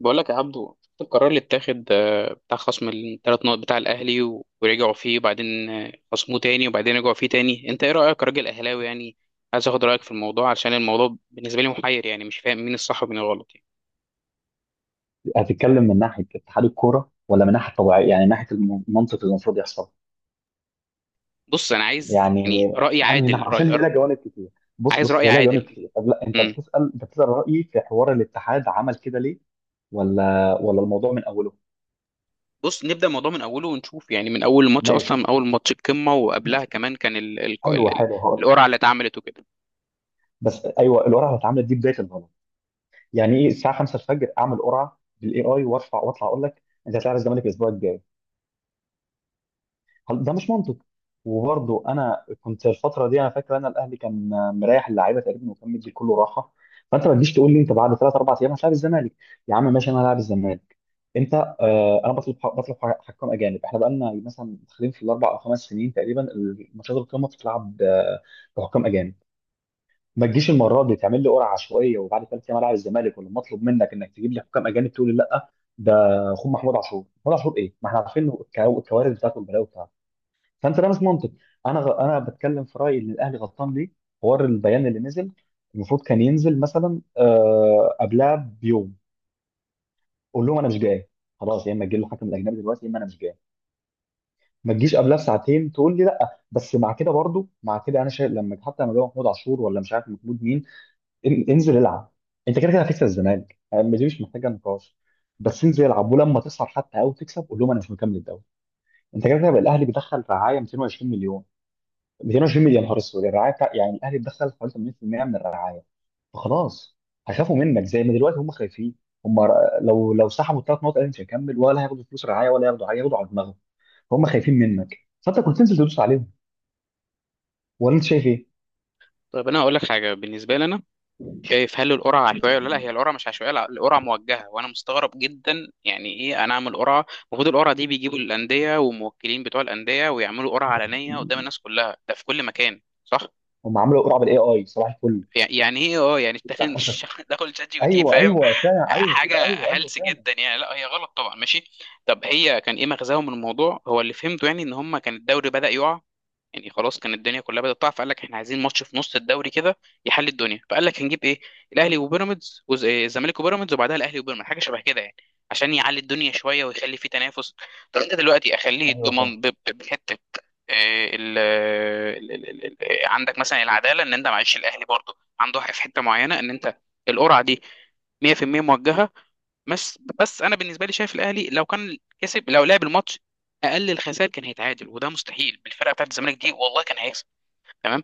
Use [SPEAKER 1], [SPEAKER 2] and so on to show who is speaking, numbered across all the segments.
[SPEAKER 1] بقول لك يا عبدو، شفت القرار اللي اتاخد بتاع خصم الـ3 نقط بتاع الاهلي ورجعوا فيه وبعدين خصموه تاني وبعدين رجعوا فيه تاني. انت ايه رايك كراجل اهلاوي يعني؟ عايز اخد رايك في الموضوع عشان الموضوع بالنسبه لي محير، يعني مش فاهم مين الصح ومين الغلط يعني.
[SPEAKER 2] هتتكلم من ناحيه اتحاد الكوره ولا من ناحيه طبيعيه؟ يعني من ناحيه المنطق اللي المفروض يحصل.
[SPEAKER 1] بص، انا عايز
[SPEAKER 2] يعني
[SPEAKER 1] يعني راي
[SPEAKER 2] انهي ناحيه؟
[SPEAKER 1] عادل،
[SPEAKER 2] عشان هي لها جوانب كتير. بص
[SPEAKER 1] عايز
[SPEAKER 2] بص
[SPEAKER 1] راي
[SPEAKER 2] هي لها جوانب
[SPEAKER 1] عادل.
[SPEAKER 2] كتير. طب لا، انت
[SPEAKER 1] امم
[SPEAKER 2] بتسال، رايي في حوار الاتحاد عمل كده ليه؟ ولا الموضوع من اوله؟
[SPEAKER 1] بص، نبدا الموضوع من اوله ونشوف. يعني من اول الماتش اصلا،
[SPEAKER 2] ماشي،
[SPEAKER 1] من اول ماتش القمه، وقبلها
[SPEAKER 2] بس
[SPEAKER 1] كمان كان
[SPEAKER 2] حلو حلو، هقول لك.
[SPEAKER 1] القرعه اللي اتعملت وكده.
[SPEAKER 2] بس ايوه، القرعه اتعملت دي بدايه الغلط. يعني ايه الساعه 5 الفجر اعمل قرعه بالاي اي وارفع واطلع اقول لك انت هتلاعب الزمالك الاسبوع الجاي؟ ده مش منطق. وبرضه انا كنت الفتره دي، انا فاكر انا الاهلي كان مريح اللعيبه تقريبا وكان مدي كله راحه. فانت ما تجيش تقول لي انت بعد 3 4 ايام هتلاعب الزمالك. يا عم ماشي، انا هلاعب الزمالك. انت، آه انا بطلب حكام اجانب. احنا بقالنا مثلا داخلين في ال 4 او 5 سنين تقريبا، الماتشات القمه بتتلعب بحكام اجانب. ما تجيش المره دي تعمل لي قرعه عشوائيه وبعد 3 ايام العب الزمالك، ولما اطلب منك انك تجيب لي حكام اجانب تقول لي لا. ده، خد محمود عاشور، محمود عاشور ايه؟ ما احنا عارفين الكوارث بتاعته والبلاوي بتاعته. فانت لابس منطق. انا بتكلم في رايي ان الاهلي غلطان ليه. حوار البيان اللي نزل، المفروض كان ينزل مثلا قبلها بيوم. قول لهم انا مش جاي خلاص، يا اما تجيب له حكم الاجنبي دلوقتي يا اما انا مش جاي. ما تجيش قبلها بساعتين تقول لي لا. بس مع كده برضو، مع كده انا شايف لما، حتى لما جاب محمود عاشور، ولا مش عارف محمود مين. انزل العب. انت كده كده هتكسب الزمالك يعني، دي مش محتاجه نقاش. بس انزل العب، ولما تخسر حتى او تكسب قول لهم انا مش مكمل الدوري. انت كده كده بقى، الاهلي بيدخل رعايه 220 مليون. 220 مليون، يا نهار اسود. الرعايه بتاع يعني الاهلي اتدخل حوالي 80% من الرعايه. فخلاص، هيخافوا منك زي ما دلوقتي هم خايفين. هم ر- لو سحبوا الثلاث نقط الاهلي مش هيكمل، ولا هياخدوا فلوس رعايه ولا هياخدوا حاجه، هياخدوا على دماغهم. فهم خايفين منك، فانت كنت تنزل تدوس عليهم. ولا انت شايف ايه؟
[SPEAKER 1] طيب، انا هقول لك حاجه بالنسبه لنا، شايف؟ هل القرعة عشوائية ولا لا؟ هي القرعة مش عشوائية، لا، القرعة موجهة. وانا مستغرب جدا، يعني ايه انا اعمل قرعة؟ المفروض القرعة دي بيجيبوا الأندية والموكلين بتوع الأندية، ويعملوا قرعة علنية قدام الناس كلها، ده في كل مكان، صح؟
[SPEAKER 2] هم عملوا قرعه بالاي اي صباح الفل.
[SPEAKER 1] يعني ايه؟ اه، يعني داخل داخل شات جي بي تي،
[SPEAKER 2] ايوه،
[SPEAKER 1] فاهم؟
[SPEAKER 2] ايوه فعلا. ايوه
[SPEAKER 1] حاجة
[SPEAKER 2] كده. ايوه، ايوه
[SPEAKER 1] هلس
[SPEAKER 2] فعلا.
[SPEAKER 1] جدا يعني، لا هي غلط طبعا، ماشي. طب هي كان ايه مغزاهم من الموضوع؟ هو اللي فهمته يعني ان هم كان الدوري بدأ يقع. يعني خلاص، كان الدنيا كلها بدأت تقع، فقال لك احنا عايزين ماتش في نص الدوري كده يحل الدنيا. فقال لك هنجيب ايه؟ الاهلي وبيراميدز إيه، الزمالك وبيراميدز، وبعدها الاهلي وبيراميدز، حاجه شبه كده يعني، عشان يعلي الدنيا شويه ويخلي فيه تنافس. طب انت دلوقتي اخليه
[SPEAKER 2] ايوه فعلا.
[SPEAKER 1] ضمان بحته. إيه، آه، عندك مثلا العداله، ان انت معلش الاهلي برضه عنده حق في حته معينه، ان انت القرعه دي 100% موجهه. بس بس انا بالنسبه لي شايف، الاهلي لو كان كسب، لو لعب الماتش، اقل الخسائر كان هيتعادل، وده مستحيل بالفرقه بتاعت الزمالك دي، والله كان هيكسب، تمام؟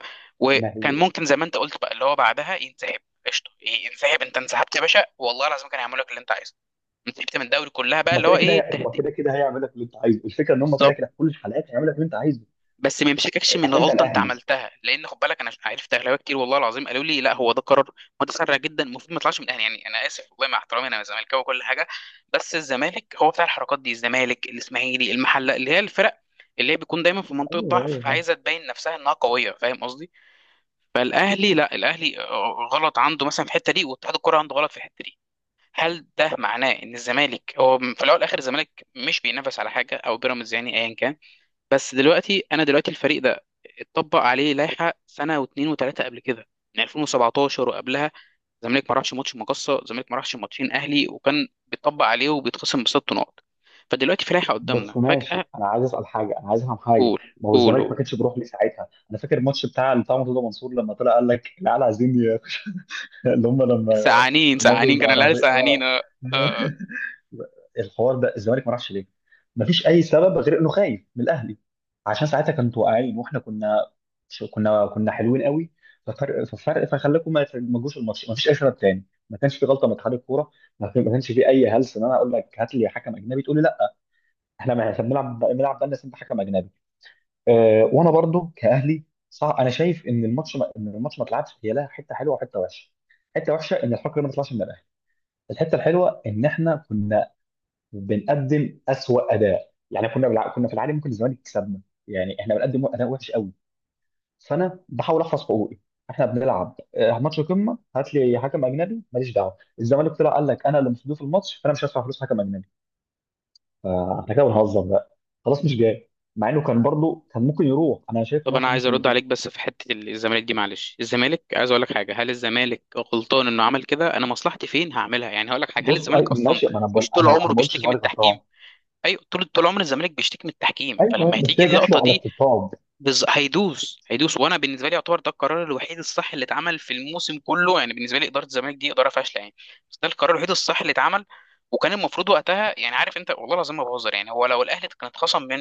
[SPEAKER 2] ما
[SPEAKER 1] وكان
[SPEAKER 2] هي
[SPEAKER 1] ممكن زي ما انت قلت بقى اللي هو بعدها ينسحب. قشطه، إيه، ينسحب. انت انسحبت يا باشا والله العظيم كان هيعمل لك اللي انت عايزه. انسحبت من الدوري كلها، بقى اللي هو ايه
[SPEAKER 2] هم
[SPEAKER 1] التهديد؟
[SPEAKER 2] كده كده هيعمل لك اللي انت عايزه. الفكره ان هم كده
[SPEAKER 1] بالظبط.
[SPEAKER 2] كده في كل الحلقات هيعمل لك اللي انت عايزه.
[SPEAKER 1] بس ما يمسككش من
[SPEAKER 2] عشان انت
[SPEAKER 1] غلطه انت
[SPEAKER 2] الاهلي.
[SPEAKER 1] عملتها، لان خد بالك انا عرفت اغلبيه كتير والله العظيم قالوا لي لا، هو ده قرار متسرع جدا، المفروض ما يطلعش من الاهلي. يعني انا اسف والله مع احترامي، انا زملكاوي وكل حاجه، بس الزمالك هو بتاع الحركات دي، الزمالك الاسماعيلي المحله، اللي هي الفرق اللي هي بيكون دايما في منطقه
[SPEAKER 2] ايوه،
[SPEAKER 1] ضعف
[SPEAKER 2] ايوه فعلا.
[SPEAKER 1] فعايزه تبين نفسها انها قويه، فاهم قصدي؟ فالاهلي لا، الاهلي غلط عنده مثلا في الحته دي، واتحاد الكوره عنده غلط في الحته دي. هل ده معناه ان الزمالك هو في الاول والاخر الزمالك مش بينافس على حاجه، او بيراميدز، يعني ايا كان. بس دلوقتي، انا دلوقتي الفريق ده اتطبق عليه لائحه سنه واثنين وثلاثه قبل كده، من 2017 وقبلها. الزمالك ما راحش ماتش مقصه، الزمالك ما راحش ماتشين اهلي وكان بيتطبق عليه وبيتخصم بـ6 نقط. فدلوقتي في لائحه
[SPEAKER 2] بس
[SPEAKER 1] قدامنا فجاه.
[SPEAKER 2] ماشي، انا عايز اسال حاجه، انا عايز افهم حاجه.
[SPEAKER 1] قول
[SPEAKER 2] ما هو الزمالك ما
[SPEAKER 1] قول.
[SPEAKER 2] كانش بيروح ليه ساعتها؟ انا فاكر الماتش بتاع اللي بتاع مرتضى منصور لما طلع قال لك العيال عايزين اللي هم لما
[SPEAKER 1] سقعانين
[SPEAKER 2] قالوا
[SPEAKER 1] سقعانين كان الاهلي
[SPEAKER 2] العربيه اه.
[SPEAKER 1] سقعانين، اه. اه، آه.
[SPEAKER 2] الحوار ده الزمالك ما راحش ليه؟ ما فيش اي سبب غير انه خايف من الاهلي. عشان ساعتها كانوا واقعين، واحنا كنا حلوين قوي. ففرق فخلاكم ما تجوش الماتش. ما فيش اي سبب تاني، ما كانش في غلطه من اتحاد الكوره. ما كانش في اي هلس ان انا اقول لك هات لي حكم اجنبي تقول لي احنا، ما احنا بنلعب بقالنا سنه حكم اجنبي. أه، وانا برضو كاهلي. صح، انا شايف ان الماتش ما، اتلعبش هي لها حته حلوه وحته وحشه. حته وحشه ان الحكم ما طلعش من الاهلي. الحته الحلوه ان احنا كنا بنقدم اسوأ اداء، يعني كنا كنا في العادي ممكن الزمالك يكسبنا. يعني احنا بنقدم اداء وحش قوي. فانا بحاول احفظ حقوقي. احنا بنلعب ماتش قمه، هات لي حكم اجنبي، ماليش دعوه. الزمالك طلع قال لك انا اللي مصدوف الماتش فانا مش هدفع فلوس حكم اجنبي. فاحنا كده بنهزر بقى، خلاص مش جاي. مع انه كان برضه كان ممكن يروح، انا شايف ان
[SPEAKER 1] طب
[SPEAKER 2] هو
[SPEAKER 1] انا
[SPEAKER 2] كان
[SPEAKER 1] عايز
[SPEAKER 2] ممكن
[SPEAKER 1] ارد
[SPEAKER 2] يروح.
[SPEAKER 1] عليك، بس في حته الزمالك دي، معلش، الزمالك عايز اقول لك حاجه. هل الزمالك غلطان انه عمل كده؟ انا مصلحتي فين هعملها؟ يعني هقول لك حاجه، هل
[SPEAKER 2] بص، أي
[SPEAKER 1] الزمالك اصلا
[SPEAKER 2] ماشي، ما انا بقول،
[SPEAKER 1] مش طول
[SPEAKER 2] انا ما
[SPEAKER 1] عمره
[SPEAKER 2] بقولش
[SPEAKER 1] بيشتكي من
[SPEAKER 2] الزمالك غلطان.
[SPEAKER 1] التحكيم؟ ايوه، طول عمر الزمالك بيشتكي من التحكيم،
[SPEAKER 2] ايوه،
[SPEAKER 1] فلما
[SPEAKER 2] بس
[SPEAKER 1] هتيجي
[SPEAKER 2] هي جات
[SPEAKER 1] اللقطه
[SPEAKER 2] له على
[SPEAKER 1] دي
[SPEAKER 2] الطبطاب.
[SPEAKER 1] هيدوس. وانا بالنسبه لي يعتبر ده القرار الوحيد الصح اللي اتعمل في الموسم كله. يعني بالنسبه لي اداره الزمالك دي اداره فاشله يعني، بس ده القرار الوحيد الصح اللي اتعمل. وكان المفروض وقتها، يعني عارف انت والله العظيم ما بهزر، يعني هو لو الاهلي كان اتخصم من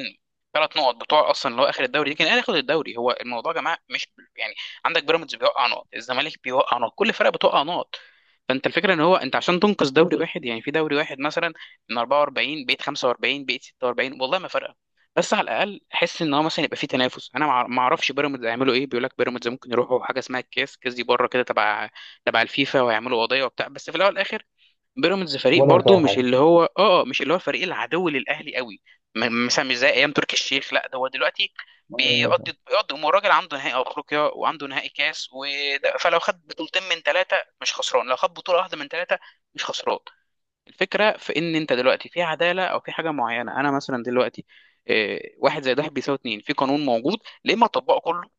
[SPEAKER 1] 3 نقط بتوع اصلا اللي هو اخر الدوري دي، كان الاهلي ياخد الدوري. هو الموضوع يا جماعه مش يعني، عندك بيراميدز بيوقع نقط، الزمالك بيوقع نقط، كل فرقه بتوقع نقط. فانت الفكره ان هو انت عشان تنقذ دوري واحد، يعني في دوري واحد مثلا من 44 بقيت 45 بقيت 46، والله ما فرق. بس على الاقل احس ان هو مثلا يبقى فيه تنافس. انا ما اعرفش بيراميدز هيعملوا ايه، بيقول لك بيراميدز ممكن يروحوا حاجه اسمها الكاس، كاس دي بره كده تبع تبع الفيفا، ويعملوا قضيه وبتاع. بس في الاول والاخر بيراميدز فريق
[SPEAKER 2] ولا
[SPEAKER 1] برضو
[SPEAKER 2] هتغير
[SPEAKER 1] مش
[SPEAKER 2] حاجه.
[SPEAKER 1] اللي هو اه مش اللي هو الفريق العدو للاهلي قوي. مثلا مش زي ايام تركي الشيخ، لا، ده هو دلوقتي
[SPEAKER 2] ما
[SPEAKER 1] بيقضي امور راجل عنده نهائي افريقيا وعنده نهائي كاس وده. فلو خد بطولتين من ثلاثه مش خسران، لو خد بطوله واحده من ثلاثه مش خسران. الفكرة في إن أنت دلوقتي في عدالة أو في حاجة معينة. أنا مثلا دلوقتي واحد زائد واحد بيساوي اتنين، في قانون موجود، ليه ما أطبقه كله؟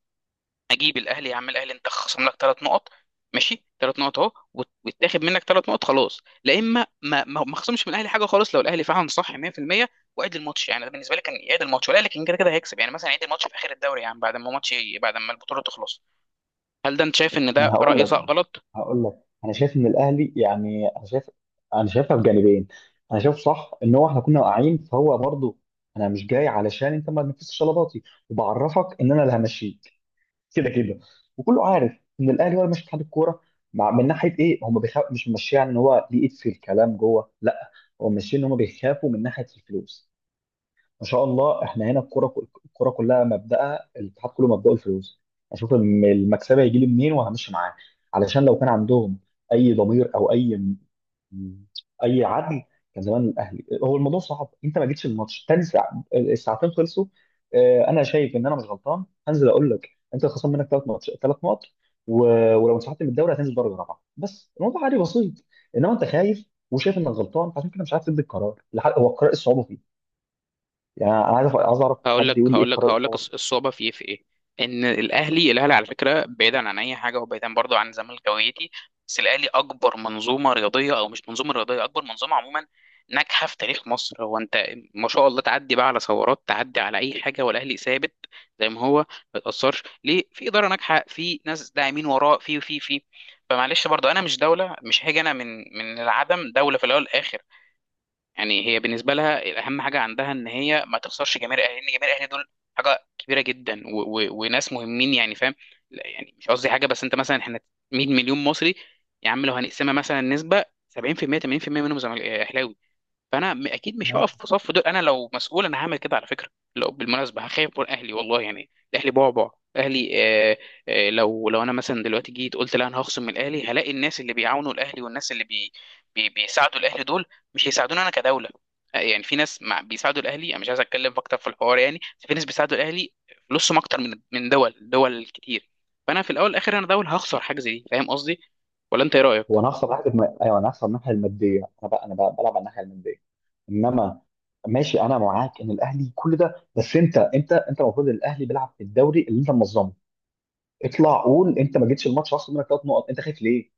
[SPEAKER 1] أجيب الأهلي يا عم الأهلي، أنت خصم لك 3 نقط، ماشي 3 نقط أهو، ويتاخد منك 3 نقط خلاص، لا إما ما ما ما خصمش من الأهلي حاجة خالص لو الأهلي فعلا صح 100%، وعيد الماتش. يعني ده بالنسبة لي كان يعيد الماتش، والأهلي كان كده كده هيكسب، يعني مثلا يعيد الماتش في آخر الدوري، يعني بعد ما ماتش، بعد ما البطولة تخلص. هل ده أنت شايف إن
[SPEAKER 2] ما انا
[SPEAKER 1] ده
[SPEAKER 2] هقول
[SPEAKER 1] رأي
[SPEAKER 2] لك،
[SPEAKER 1] غلط؟
[SPEAKER 2] هقول لك انا شايف ان الاهلي يعني، انا شايفها بجانبين. انا شايف صح ان هو احنا كنا واقعين فهو برضه، انا مش جاي علشان انت ما تنفذش طلباتي، وبعرفك ان انا اللي همشيه كده كده. وكله عارف ان الاهلي هو اللي ماشي اتحاد الكوره، مع، من ناحيه ايه هم بيخاف، مش ماشيين ان هو ليه ايد في الكلام جوه لا، هو ماشيين ان هم بيخافوا من ناحيه الفلوس. ما شاء الله احنا هنا. الكوره كلها مبدأها، الاتحاد كله مبدأه الفلوس. اشوف المكسبه هيجي لي منين وهمشي معاه. علشان لو كان عندهم اي ضمير او اي مم. اي عدل، كان زمان الاهلي هو، الموضوع صعب، انت ما جيتش الماتش تاني ساعة الساعتين خلصوا. انا شايف ان انا مش غلطان، هنزل اقول لك انت خصم منك 3 ماتش 3 نقط و... ولو انسحبت من الدوري هتنزل درجه رابعه، بس الموضوع عادي بسيط. انما انت خايف، وشايف انك غلطان عشان كده مش عارف تدي القرار هو القرار إيه الصعوبه فيه؟ يعني انا عايز اعرف حد يقول لي ايه القرار
[SPEAKER 1] هقول لك
[SPEAKER 2] الصعوبه
[SPEAKER 1] الصعوبه في ايه؟ في ايه؟ ان الاهلي، الاهلي على فكره، بعيدا عن اي حاجه وبعيدا برضو عن زمالك هويتي، بس الاهلي اكبر منظومه رياضيه، او مش منظومه رياضيه، اكبر منظومه عموما ناجحه في تاريخ مصر. هو انت ما شاء الله تعدي بقى على ثورات، تعدي على اي حاجه، والاهلي ثابت زي ما هو، ما يتاثرش. ليه؟ في اداره ناجحه، في ناس داعمين وراه، في فمعلش برضو، انا مش دوله، مش هاجي انا من العدم. دوله في الاول والاخر، يعني هي بالنسبه لها الاهم حاجه عندها ان هي ما تخسرش جماهير الاهلي، لان جماهير الاهلي دول حاجه كبيره جدا و و وناس مهمين، يعني فاهم؟ لا يعني مش قصدي حاجه، بس انت مثلا، احنا 100 مليون مصري يا عم، لو هنقسمها مثلا نسبه 70%، 80% منهم اهلاوي. فانا اكيد مش هقف
[SPEAKER 2] فيه.
[SPEAKER 1] في صف دول، انا لو مسؤول انا هعمل كده على فكره. لو بالمناسبه هخاف من اهلي والله يعني، اهلي بعبع، اهلي، آه. آه، لو لو انا مثلا دلوقتي جيت قلت لا، انا هخصم من اهلي، هلاقي الناس اللي بيعاونوا الاهلي والناس اللي بي بي بيساعدوا الاهلي دول مش هيساعدوني انا كدوله. آه، يعني في ناس مع بيساعدوا الاهلي، انا مش عايز اتكلم اكتر في الحوار يعني، بس في ناس بيساعدوا الاهلي فلوسهم اكتر من دول، دول كتير. فانا في الاول والاخر انا دول هخسر حاجه زي دي، فاهم قصدي؟ ولا انت ايه
[SPEAKER 2] هو
[SPEAKER 1] رايك؟
[SPEAKER 2] انا هخسر ناحيه ايوه انا هخسر الناحيه الماديه، انا بقى، بلعب على الناحيه الماديه. انما ماشي، انا معاك ان الاهلي كل ده، بس انت المفروض إن الاهلي بيلعب في الدوري اللي انت منظمه. اطلع قول انت ما جيتش الماتش خسر منك 3 نقط، انت خايف ليه؟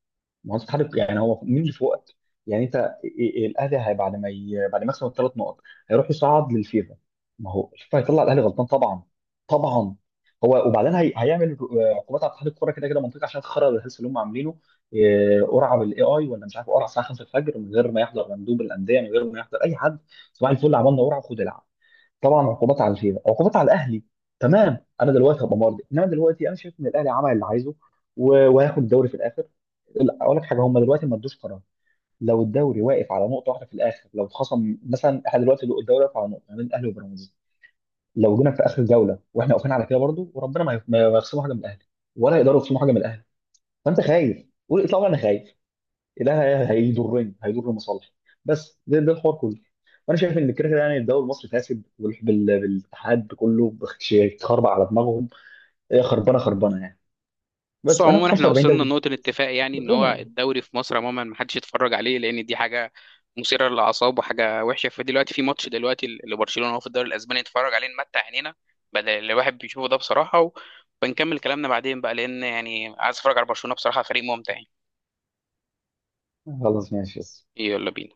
[SPEAKER 2] ما هو انت بتحارب يعني، هو مين اللي فوقك؟ يعني انت، الاهلي هي بعد ما ي... بعد ما يكسب ال 3 نقط هيروح يصعد للفيفا. ما هو الفيفا هيطلع الاهلي غلطان طبعا، طبعا. هو وبعدين هيعمل عقوبات على اتحاد الكوره كده كده منطقه، عشان خرب الهلس اللي هم عاملينه. قرعه بالاي اي، ولا مش عارف قرعه الساعه 5 الفجر من غير ما يحضر مندوب الانديه من غير ما يحضر اي حد. صباح الفل عملنا قرعه وخد العب. طبعا عقوبات على الفيفا، عقوبات على الاهلي. تمام، انا دلوقتي هبقى مرضي، انما دلوقتي انا شايف ان الاهلي عمل اللي عايزه وهياخد الدوري في الاخر. لا، اقول لك حاجه، هم دلوقتي ما ادوش قرار. لو الدوري واقف على نقطه واحده في الاخر، لو اتخصم مثلا، احنا دلوقتي الدوري واقف على نقطه ما بين الاهلي وبيراميدز. لو جينا في اخر جوله واحنا واقفين على كده برضو، وربنا ما يخصموا حاجه من الاهلي، ولا يقدروا يخصموا حاجه من الاهلي. فانت خايف، قول اطلع انا خايف، ده هيضرني، هيضر مصالحي. بس ده الحوار كله. وانا شايف ان كده كده يعني الدوري المصري فاسد بالاتحاد كله اتخربع على دماغهم. هي خربانه خربانه يعني.
[SPEAKER 1] بص
[SPEAKER 2] بس انا في
[SPEAKER 1] عموما، احنا
[SPEAKER 2] 45
[SPEAKER 1] وصلنا
[SPEAKER 2] دوري،
[SPEAKER 1] لنقطة الاتفاق يعني، ان
[SPEAKER 2] بتقول
[SPEAKER 1] هو
[SPEAKER 2] انا،
[SPEAKER 1] الدوري في مصر عموما ما حدش يتفرج عليه، لان دي حاجة مثيرة للأعصاب وحاجة وحشة. فدلوقتي في ماتش دلوقتي اللي برشلونة هو في الدوري الأسباني، نتفرج عليه نمتع عينينا بدل اللي الواحد بيشوفه ده بصراحة، وبنكمل كلامنا بعدين بقى، لأن يعني عايز اتفرج على برشلونة بصراحة، فريق ممتع يعني.
[SPEAKER 2] خلاص ماشي.
[SPEAKER 1] يلا بينا.